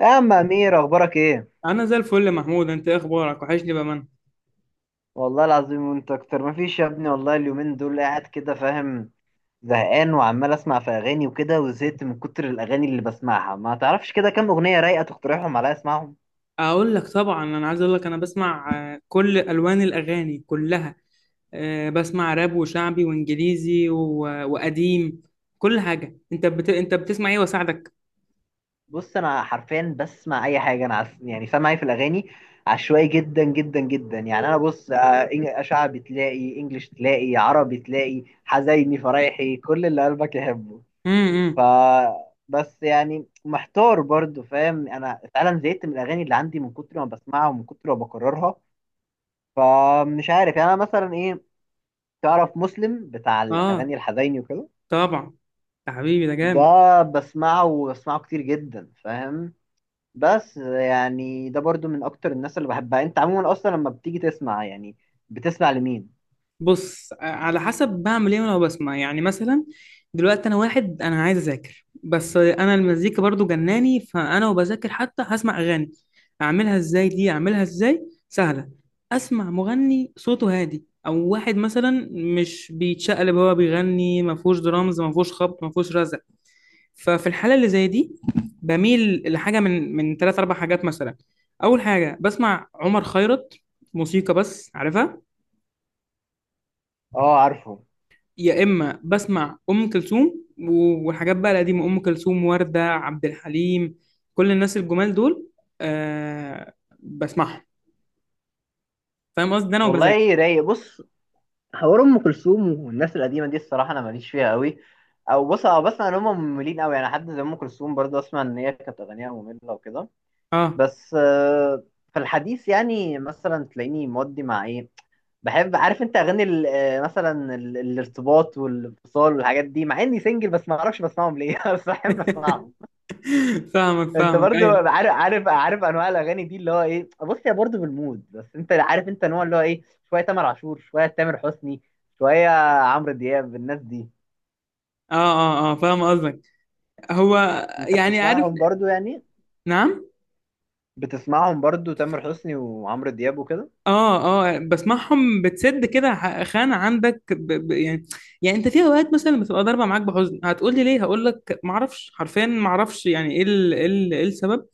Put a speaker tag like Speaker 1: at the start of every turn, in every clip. Speaker 1: يا عم امير اخبارك ايه؟
Speaker 2: انا زي الفل يا محمود انت إيه اخبارك وحشني بامانه.
Speaker 1: والله العظيم وانت اكتر. مفيش يا ابني، والله اليومين دول قاعد كده، فاهم؟ زهقان وعمال اسمع في اغاني وكده، وزهقت من كتر الاغاني اللي بسمعها. ما تعرفش كده كام اغنيه رايقه تقترحهم عليا اسمعهم؟
Speaker 2: اقول لك طبعا، انا عايز اقول لك انا بسمع كل الوان الاغاني كلها. بسمع راب وشعبي وانجليزي وقديم. كل حاجه انت بتسمع ايه واساعدك؟
Speaker 1: بص انا حرفيا بسمع اي حاجه. يعني سامع ايه في الاغاني؟ عشوائي جدا جدا جدا. يعني انا بص، شعبي تلاقي، انجليش تلاقي، عربي تلاقي، حزيني، فرايحي، كل اللي قلبك يحبه. ف
Speaker 2: امم.
Speaker 1: بس يعني محتار برضو، فاهم؟ انا فعلا زهقت من الاغاني اللي عندي من كتر ما بسمعها ومن كتر ما بكررها. فمش عارف يعني انا مثلا ايه. تعرف مسلم بتاع
Speaker 2: اه
Speaker 1: الاغاني الحزيني وكده؟
Speaker 2: طبعا، يا حبيبي ده جامد.
Speaker 1: ده بسمعه، وبسمعه كتير جدا، فاهم؟ بس يعني ده برضو من اكتر الناس اللي بحبها. انت عموما اصلا لما بتيجي تسمع يعني، بتسمع لمين؟
Speaker 2: بص على حسب بعمل ايه، وانا بسمع يعني مثلا دلوقتي انا واحد انا عايز اذاكر، بس انا المزيكا برضو جناني فانا وبذاكر حتى هسمع اغاني. اعملها ازاي دي اعملها ازاي؟ سهله. اسمع مغني صوته هادي او واحد مثلا مش بيتشقلب وهو بيغني، ما فيهوش درامز، ما فيهوش خبط، ما فيهوش رزع. ففي الحاله اللي زي دي بميل لحاجه من ثلاث اربع حاجات مثلا. اول حاجه بسمع عمر خيرت، موسيقى بس عارفها.
Speaker 1: اه عارفه.
Speaker 2: يا اما بسمع ام كلثوم والحاجات بقى القديمه، ام كلثوم، ورده، عبد الحليم، كل الناس الجمال دول. آه، بسمعهم. فاهم قصدي؟ ده انا وبذاكر.
Speaker 1: والله رايق. بص، حوار ام كلثوم والناس القديمه دي الصراحه انا ماليش فيها قوي. او بص، او بسمع ان هم مملين قوي، يعني حد زي ام كلثوم برضه اسمع ان هي كانت اغانيها ممله وكده.
Speaker 2: اه.
Speaker 1: بس في الحديث يعني مثلا تلاقيني مودي مع ايه. بحب، عارف انت اغاني مثلا الارتباط والانفصال والحاجات دي، مع اني سنجل، بس ما اعرفش بسمعهم ليه بس بحب اسمعهم.
Speaker 2: فاهمك
Speaker 1: انت
Speaker 2: فاهمك،
Speaker 1: برضو
Speaker 2: ايوه.
Speaker 1: عارف، عارف انواع الاغاني دي اللي هو ايه. بص، هي برضو بالمود، بس انت عارف انت نوع اللي هو ايه. شويه تامر عاشور، شويه تامر حسني، شويه عمرو دياب، الناس دي.
Speaker 2: اه اه اه فاهم قصدك. هو
Speaker 1: انت
Speaker 2: يعني عارف.
Speaker 1: بتسمعهم برضو يعني؟
Speaker 2: نعم.
Speaker 1: بتسمعهم برضو تامر حسني وعمرو دياب وكده؟
Speaker 2: اه اه بسمعهم، بتسد كده خانه عندك ب يعني. يعني انت في اوقات مثلا بتبقى ضاربه معاك بحزن، هتقول لي ليه؟ هقول لك ما اعرفش، حرفيا ما اعرفش يعني ايه ايه إيه السبب.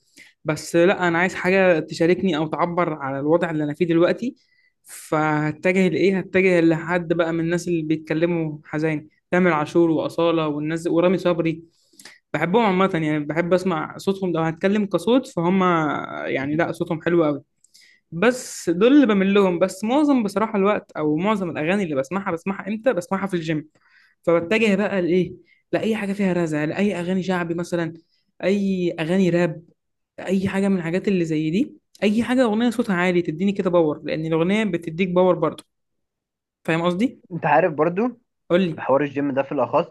Speaker 2: بس لا، انا عايز حاجه تشاركني او تعبر على الوضع اللي انا فيه دلوقتي. فهتجه لايه؟ هتجه لحد بقى من الناس اللي بيتكلموا حزين، تامر عاشور واصاله والناس ورامي صبري. بحبهم عامه، يعني بحب اسمع صوتهم لو هتكلم كصوت فهم. يعني لا، صوتهم حلو قوي. بس دول اللي بميل لهم. بس معظم بصراحه الوقت او معظم الاغاني اللي بسمعها، بسمعها امتى؟ بسمعها في الجيم. فبتجه بقى لايه؟ لاي حاجه فيها رزع، لاي اغاني شعبي مثلا، اي اغاني راب، اي حاجه من الحاجات اللي زي دي. اي حاجه اغنيه صوتها عالي تديني كده باور، لان الاغنيه بتديك باور برضه. فاهم قصدي؟
Speaker 1: انت عارف برضو
Speaker 2: قول لي.
Speaker 1: بحوار الجيم ده في الأخص.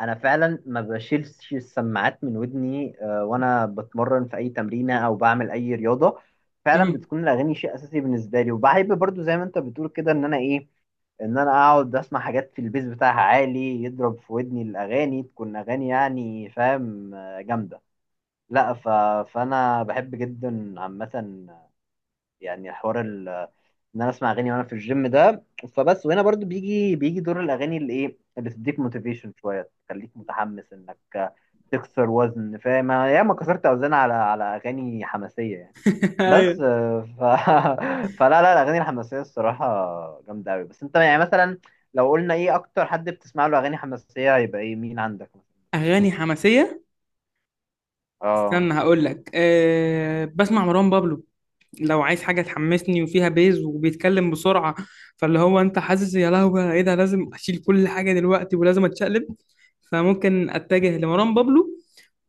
Speaker 1: أنا فعلا ما بشيلش السماعات من ودني، وأنا بتمرن في أي تمرينة أو بعمل أي رياضة. فعلا
Speaker 2: امم.
Speaker 1: بتكون الأغاني شيء أساسي بالنسبة لي. وبحب برضو زي ما أنت بتقول كده، إن أنا إيه، إن أنا أقعد أسمع حاجات في البيز بتاعها عالي، يضرب في ودني، الأغاني تكون أغاني يعني فاهم، جامدة. لا ف... فأنا بحب جدا عامة يعني حوار ان انا اسمع اغاني وانا في الجيم ده. فبس، وهنا برضو بيجي دور الاغاني اللي ايه، اللي تديك موتيفيشن شويه، تخليك متحمس انك تكسر وزن. فاهم، أنا ياما كسرت اوزان على اغاني حماسيه يعني. بس
Speaker 2: ايوه.
Speaker 1: فلا لا الاغاني الحماسيه الصراحه جامده قوي. بس انت يعني مثلا لو قلنا ايه اكتر حد بتسمع له اغاني حماسيه هيبقى ايه، مين عندك مثلا؟
Speaker 2: اغاني حماسيه.
Speaker 1: اه
Speaker 2: استنى هقول لك، أه بسمع مروان بابلو لو عايز حاجه تحمسني وفيها بيز وبيتكلم بسرعه، فاللي هو انت حاسس يا لهوي ايه ده، لازم اشيل كل حاجه دلوقتي ولازم اتشقلب. فممكن اتجه لمروان بابلو،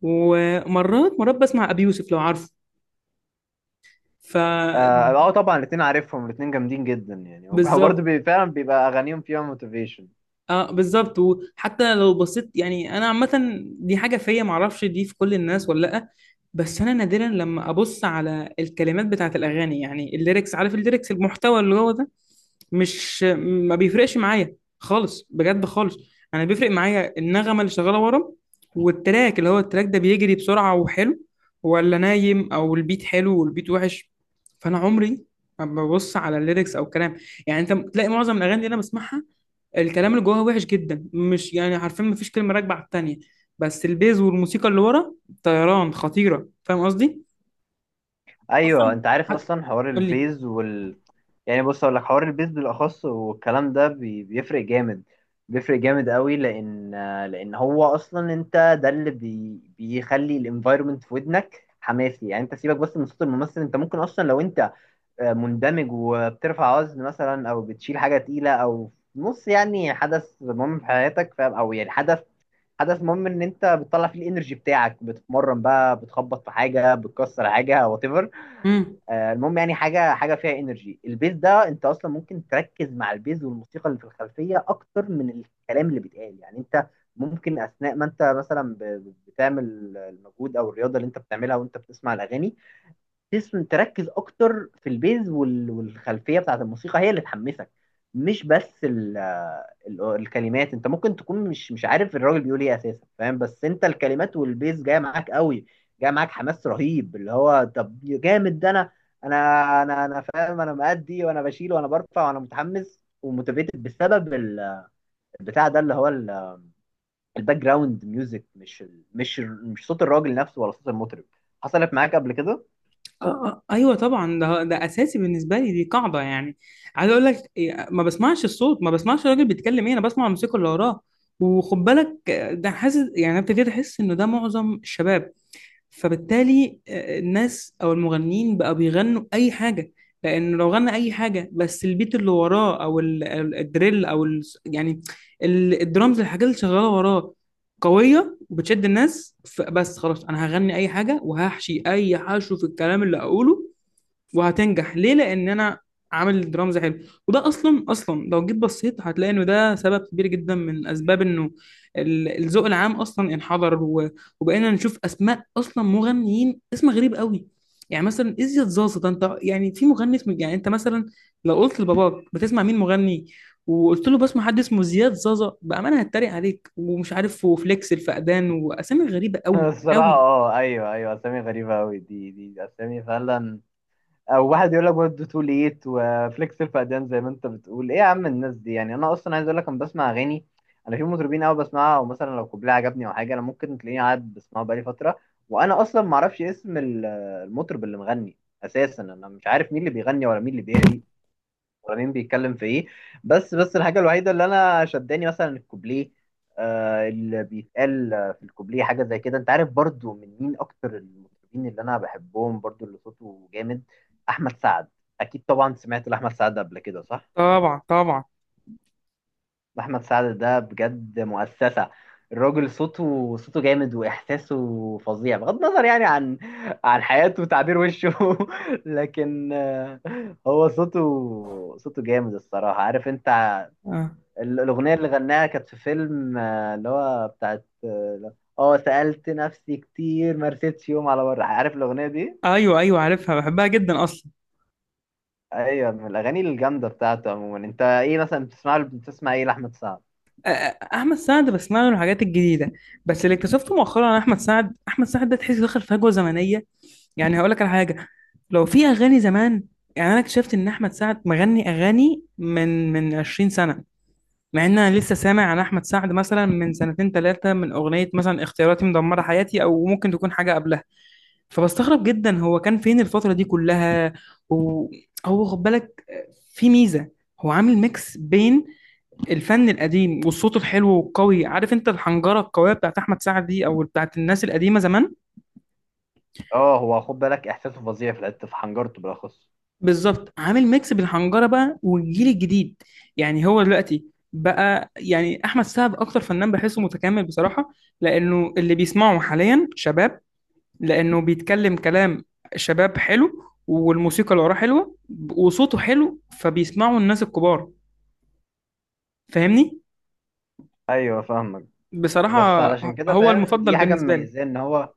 Speaker 2: ومرات مرات بسمع ابي يوسف لو عارفه. فبالظبط.
Speaker 1: اه طبعا الاثنين عارفهم، الاثنين جامدين جدا يعني وبرضه فعلا بيبقى اغانيهم فيها موتيفيشن.
Speaker 2: اه بالظبط. وحتى لو بصيت، يعني انا عامه دي حاجه فيا، معرفش دي في كل الناس ولا لا، بس انا نادرا لما ابص على الكلمات بتاعت الاغاني، يعني الليركس، عارف الليركس، المحتوى اللي هو ده، مش ما بيفرقش معايا خالص، بجد خالص. انا بيفرق معايا النغمه اللي شغاله ورا، والتراك، اللي هو التراك ده بيجري بسرعه وحلو ولا نايم، او البيت حلو والبيت وحش. فانا عمري ما ببص على الليركس او الكلام. يعني انت تلاقي معظم الاغاني اللي انا بسمعها الكلام اللي جواها وحش جدا، مش يعني عارفين، مفيش كلمة راكبة على التانية، بس البيز والموسيقى اللي ورا طيران خطيرة. فاهم قصدي؟
Speaker 1: ايوه،
Speaker 2: أصلا
Speaker 1: انت عارف
Speaker 2: حد.
Speaker 1: اصلا حوار
Speaker 2: قول لي.
Speaker 1: البيز وال، يعني بص اقول لك، حوار البيز بالاخص والكلام ده بيفرق جامد. بيفرق جامد قوي، لان هو اصلا، انت ده اللي بيخلي الانفايرمنت في ودنك حماسي. يعني انت سيبك بس من صوت الممثل، انت ممكن اصلا لو انت مندمج وبترفع وزن مثلا، او بتشيل حاجه تقيله، او في نص يعني حدث مهم في حياتك، فاهم، او يعني حدث، حدث مهم ان انت بتطلع فيه الانرجي بتاعك، بتتمرن بقى بتخبط في حاجه، بتكسر حاجه وات،
Speaker 2: امم.
Speaker 1: المهم يعني حاجه، حاجه فيها انرجي. البيز ده انت اصلا ممكن تركز مع البيز والموسيقى اللي في الخلفيه اكتر من الكلام اللي بيتقال. يعني انت ممكن اثناء ما انت مثلا بتعمل المجهود او الرياضه اللي انت بتعملها وانت بتسمع الاغاني، تسم تركز اكتر في البيز والخلفيه بتاعت الموسيقى هي اللي تحمسك، مش بس ال، الكلمات. انت ممكن تكون مش عارف الراجل بيقول ايه اساسا، فاهم، بس انت الكلمات والبيز جايه معاك قوي، جايه معاك حماس رهيب، اللي هو طب جامد ده، انا فاهم، انا مأدي وانا بشيل وانا برفع وانا متحمس وموتيفيتد بسبب البتاع ده، اللي هو الباك جراوند ميوزك، مش ال، مش صوت الراجل نفسه ولا صوت المطرب. حصلت معاك قبل كده؟
Speaker 2: آه آه ايوه طبعا، ده ده اساسي بالنسبه لي، دي قاعده يعني. عايز اقول لك ما بسمعش الصوت، ما بسمعش الراجل بيتكلم ايه، انا بسمع الموسيقى اللي وراه. وخد بالك ده حاسس يعني أنا ابتديت احس انه ده معظم الشباب. فبالتالي الناس او المغنيين بقى بيغنوا اي حاجه، لان لو غنى اي حاجه بس البيت اللي وراه او الدريل او ال يعني الدرامز، الحاجات اللي شغاله وراه قويه وبتشد الناس، بس خلاص انا هغني اي حاجه وهحشي اي حشو في الكلام اللي اقوله وهتنجح. ليه؟ لان انا عامل درامز حلو. وده اصلا لو جيت بصيت هتلاقي انه ده سبب كبير جدا من اسباب انه الذوق العام اصلا انحدر، وبقينا نشوف اسماء اصلا مغنيين اسمها غريب قوي. يعني مثلا ازيد زازا، ده انت يعني في مغني اسمه؟ يعني انت مثلا لو قلت لباباك بتسمع مين مغني، وقلت له بسمع حد اسمه زياد زازا، بامانه هتريق عليك ومش عارف، وفليكس الفقدان، واسامي غريبه قوي
Speaker 1: الصراحة
Speaker 2: قوي
Speaker 1: اه ايوه ايوه، اسامي غريبة اوي دي، اسامي فعلا. او واحد يقول لك برضه تو ليت وفليكس الفقدان، زي ما انت بتقول. ايه يا عم الناس دي؟ يعني انا اصلا عايز اقول لك، انا بسمع اغاني، انا في مطربين قوي بسمعها، او مثلا لو كوبليه عجبني او حاجة انا ممكن تلاقيني قاعد بسمعه بقالي فترة، وانا اصلا ما اعرفش اسم المطرب اللي مغني اساسا. انا مش عارف مين اللي بيغني ولا مين اللي بيهري، ابراهيم بيتكلم في ايه. بس الحاجه الوحيده اللي انا شداني مثلا الكوبليه. آه اللي بيتقال، في الكوبليه حاجه زي كده. انت عارف برضو من مين اكتر المطربين اللي انا بحبهم برضو اللي صوته جامد؟ احمد سعد. اكيد طبعا سمعت لاحمد سعد قبل كده، صح؟
Speaker 2: طبعا طبعا.
Speaker 1: احمد سعد ده بجد مؤسسه. الراجل صوته جامد واحساسه فظيع، بغض النظر يعني عن حياته وتعبير وشه لكن هو صوته، صوته جامد الصراحة، عارف انت
Speaker 2: آه.
Speaker 1: الأغنية اللي غناها كانت في فيلم، اللي هو بتاعت اه، سألت نفسي كتير ما رستش يوم على بره، عارف الأغنية دي؟
Speaker 2: ايوه ايوه عارفها، بحبها جدا اصلا.
Speaker 1: أيوة من الأغاني الجامدة بتاعته عموما. أنت إيه مثلا بتسمع، بتسمع إيه لأحمد سعد؟
Speaker 2: آه، احمد سعد بسمع له الحاجات الجديده. بس اللي اكتشفته مؤخرا عن احمد سعد، احمد سعد ده تحس دخل فجوه زمنيه. يعني هقول لك على حاجه، لو في اغاني زمان، يعني انا اكتشفت ان احمد سعد مغني اغاني من 20 سنه، مع ان انا لسه سامع عن احمد سعد مثلا من سنتين ثلاثه من اغنيه مثلا اختياراتي مدمره حياتي، او ممكن تكون حاجه قبلها. فبستغرب جدا هو كان فين الفتره دي كلها. وهو خد بالك في ميزه، هو عامل ميكس بين الفن القديم والصوت الحلو والقوي، عارف انت الحنجره القويه بتاعت احمد سعد دي او بتاعت الناس القديمه زمان.
Speaker 1: اه، هو خد بالك إحساسه فظيع في الحتة، في حنجرته بالأخص.
Speaker 2: بالظبط، عامل ميكس بالحنجره بقى والجيل الجديد. يعني هو دلوقتي بقى يعني احمد سعد اكتر فنان بحسه متكامل بصراحه، لانه اللي بيسمعه حاليا شباب، لانه بيتكلم كلام شباب حلو، والموسيقى اللي وراه حلوه، وصوته حلو، فبيسمعه الناس الكبار. فاهمني؟
Speaker 1: أيوة فاهمك.
Speaker 2: بصراحه
Speaker 1: بس علشان كده
Speaker 2: هو
Speaker 1: فاهم
Speaker 2: المفضل
Speaker 1: دي حاجة
Speaker 2: بالنسبه لي.
Speaker 1: مميزة، إن هو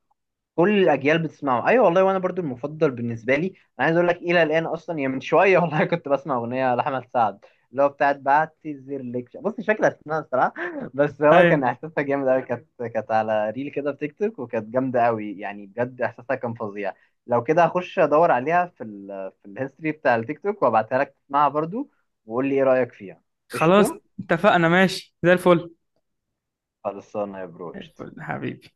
Speaker 1: كل الاجيال بتسمعه. ايوه والله، وانا برضو المفضل بالنسبه لي. انا عايز اقول لك الى الان اصلا يعني من شويه والله كنت بسمع اغنيه لاحمد سعد، اللي هو بتاعت بعتذر لك بص مش فاكر اسمها الصراحه، بس هو كان
Speaker 2: ايوه
Speaker 1: احساسها جامد قوي. كانت، كانت على ريل كده في تيك توك وكانت جامده قوي يعني، بجد احساسها كان فظيع. لو كده هخش ادور عليها في ال، في الهيستوري بتاع التيك توك وابعتها لك تسمعها برضو، وقول لي ايه رايك فيها.
Speaker 2: خلاص
Speaker 1: قشطه.
Speaker 2: اتفقنا، ماشي زي الفل.
Speaker 1: خلصانه يا برو، قشطه.
Speaker 2: الفل حبيبي.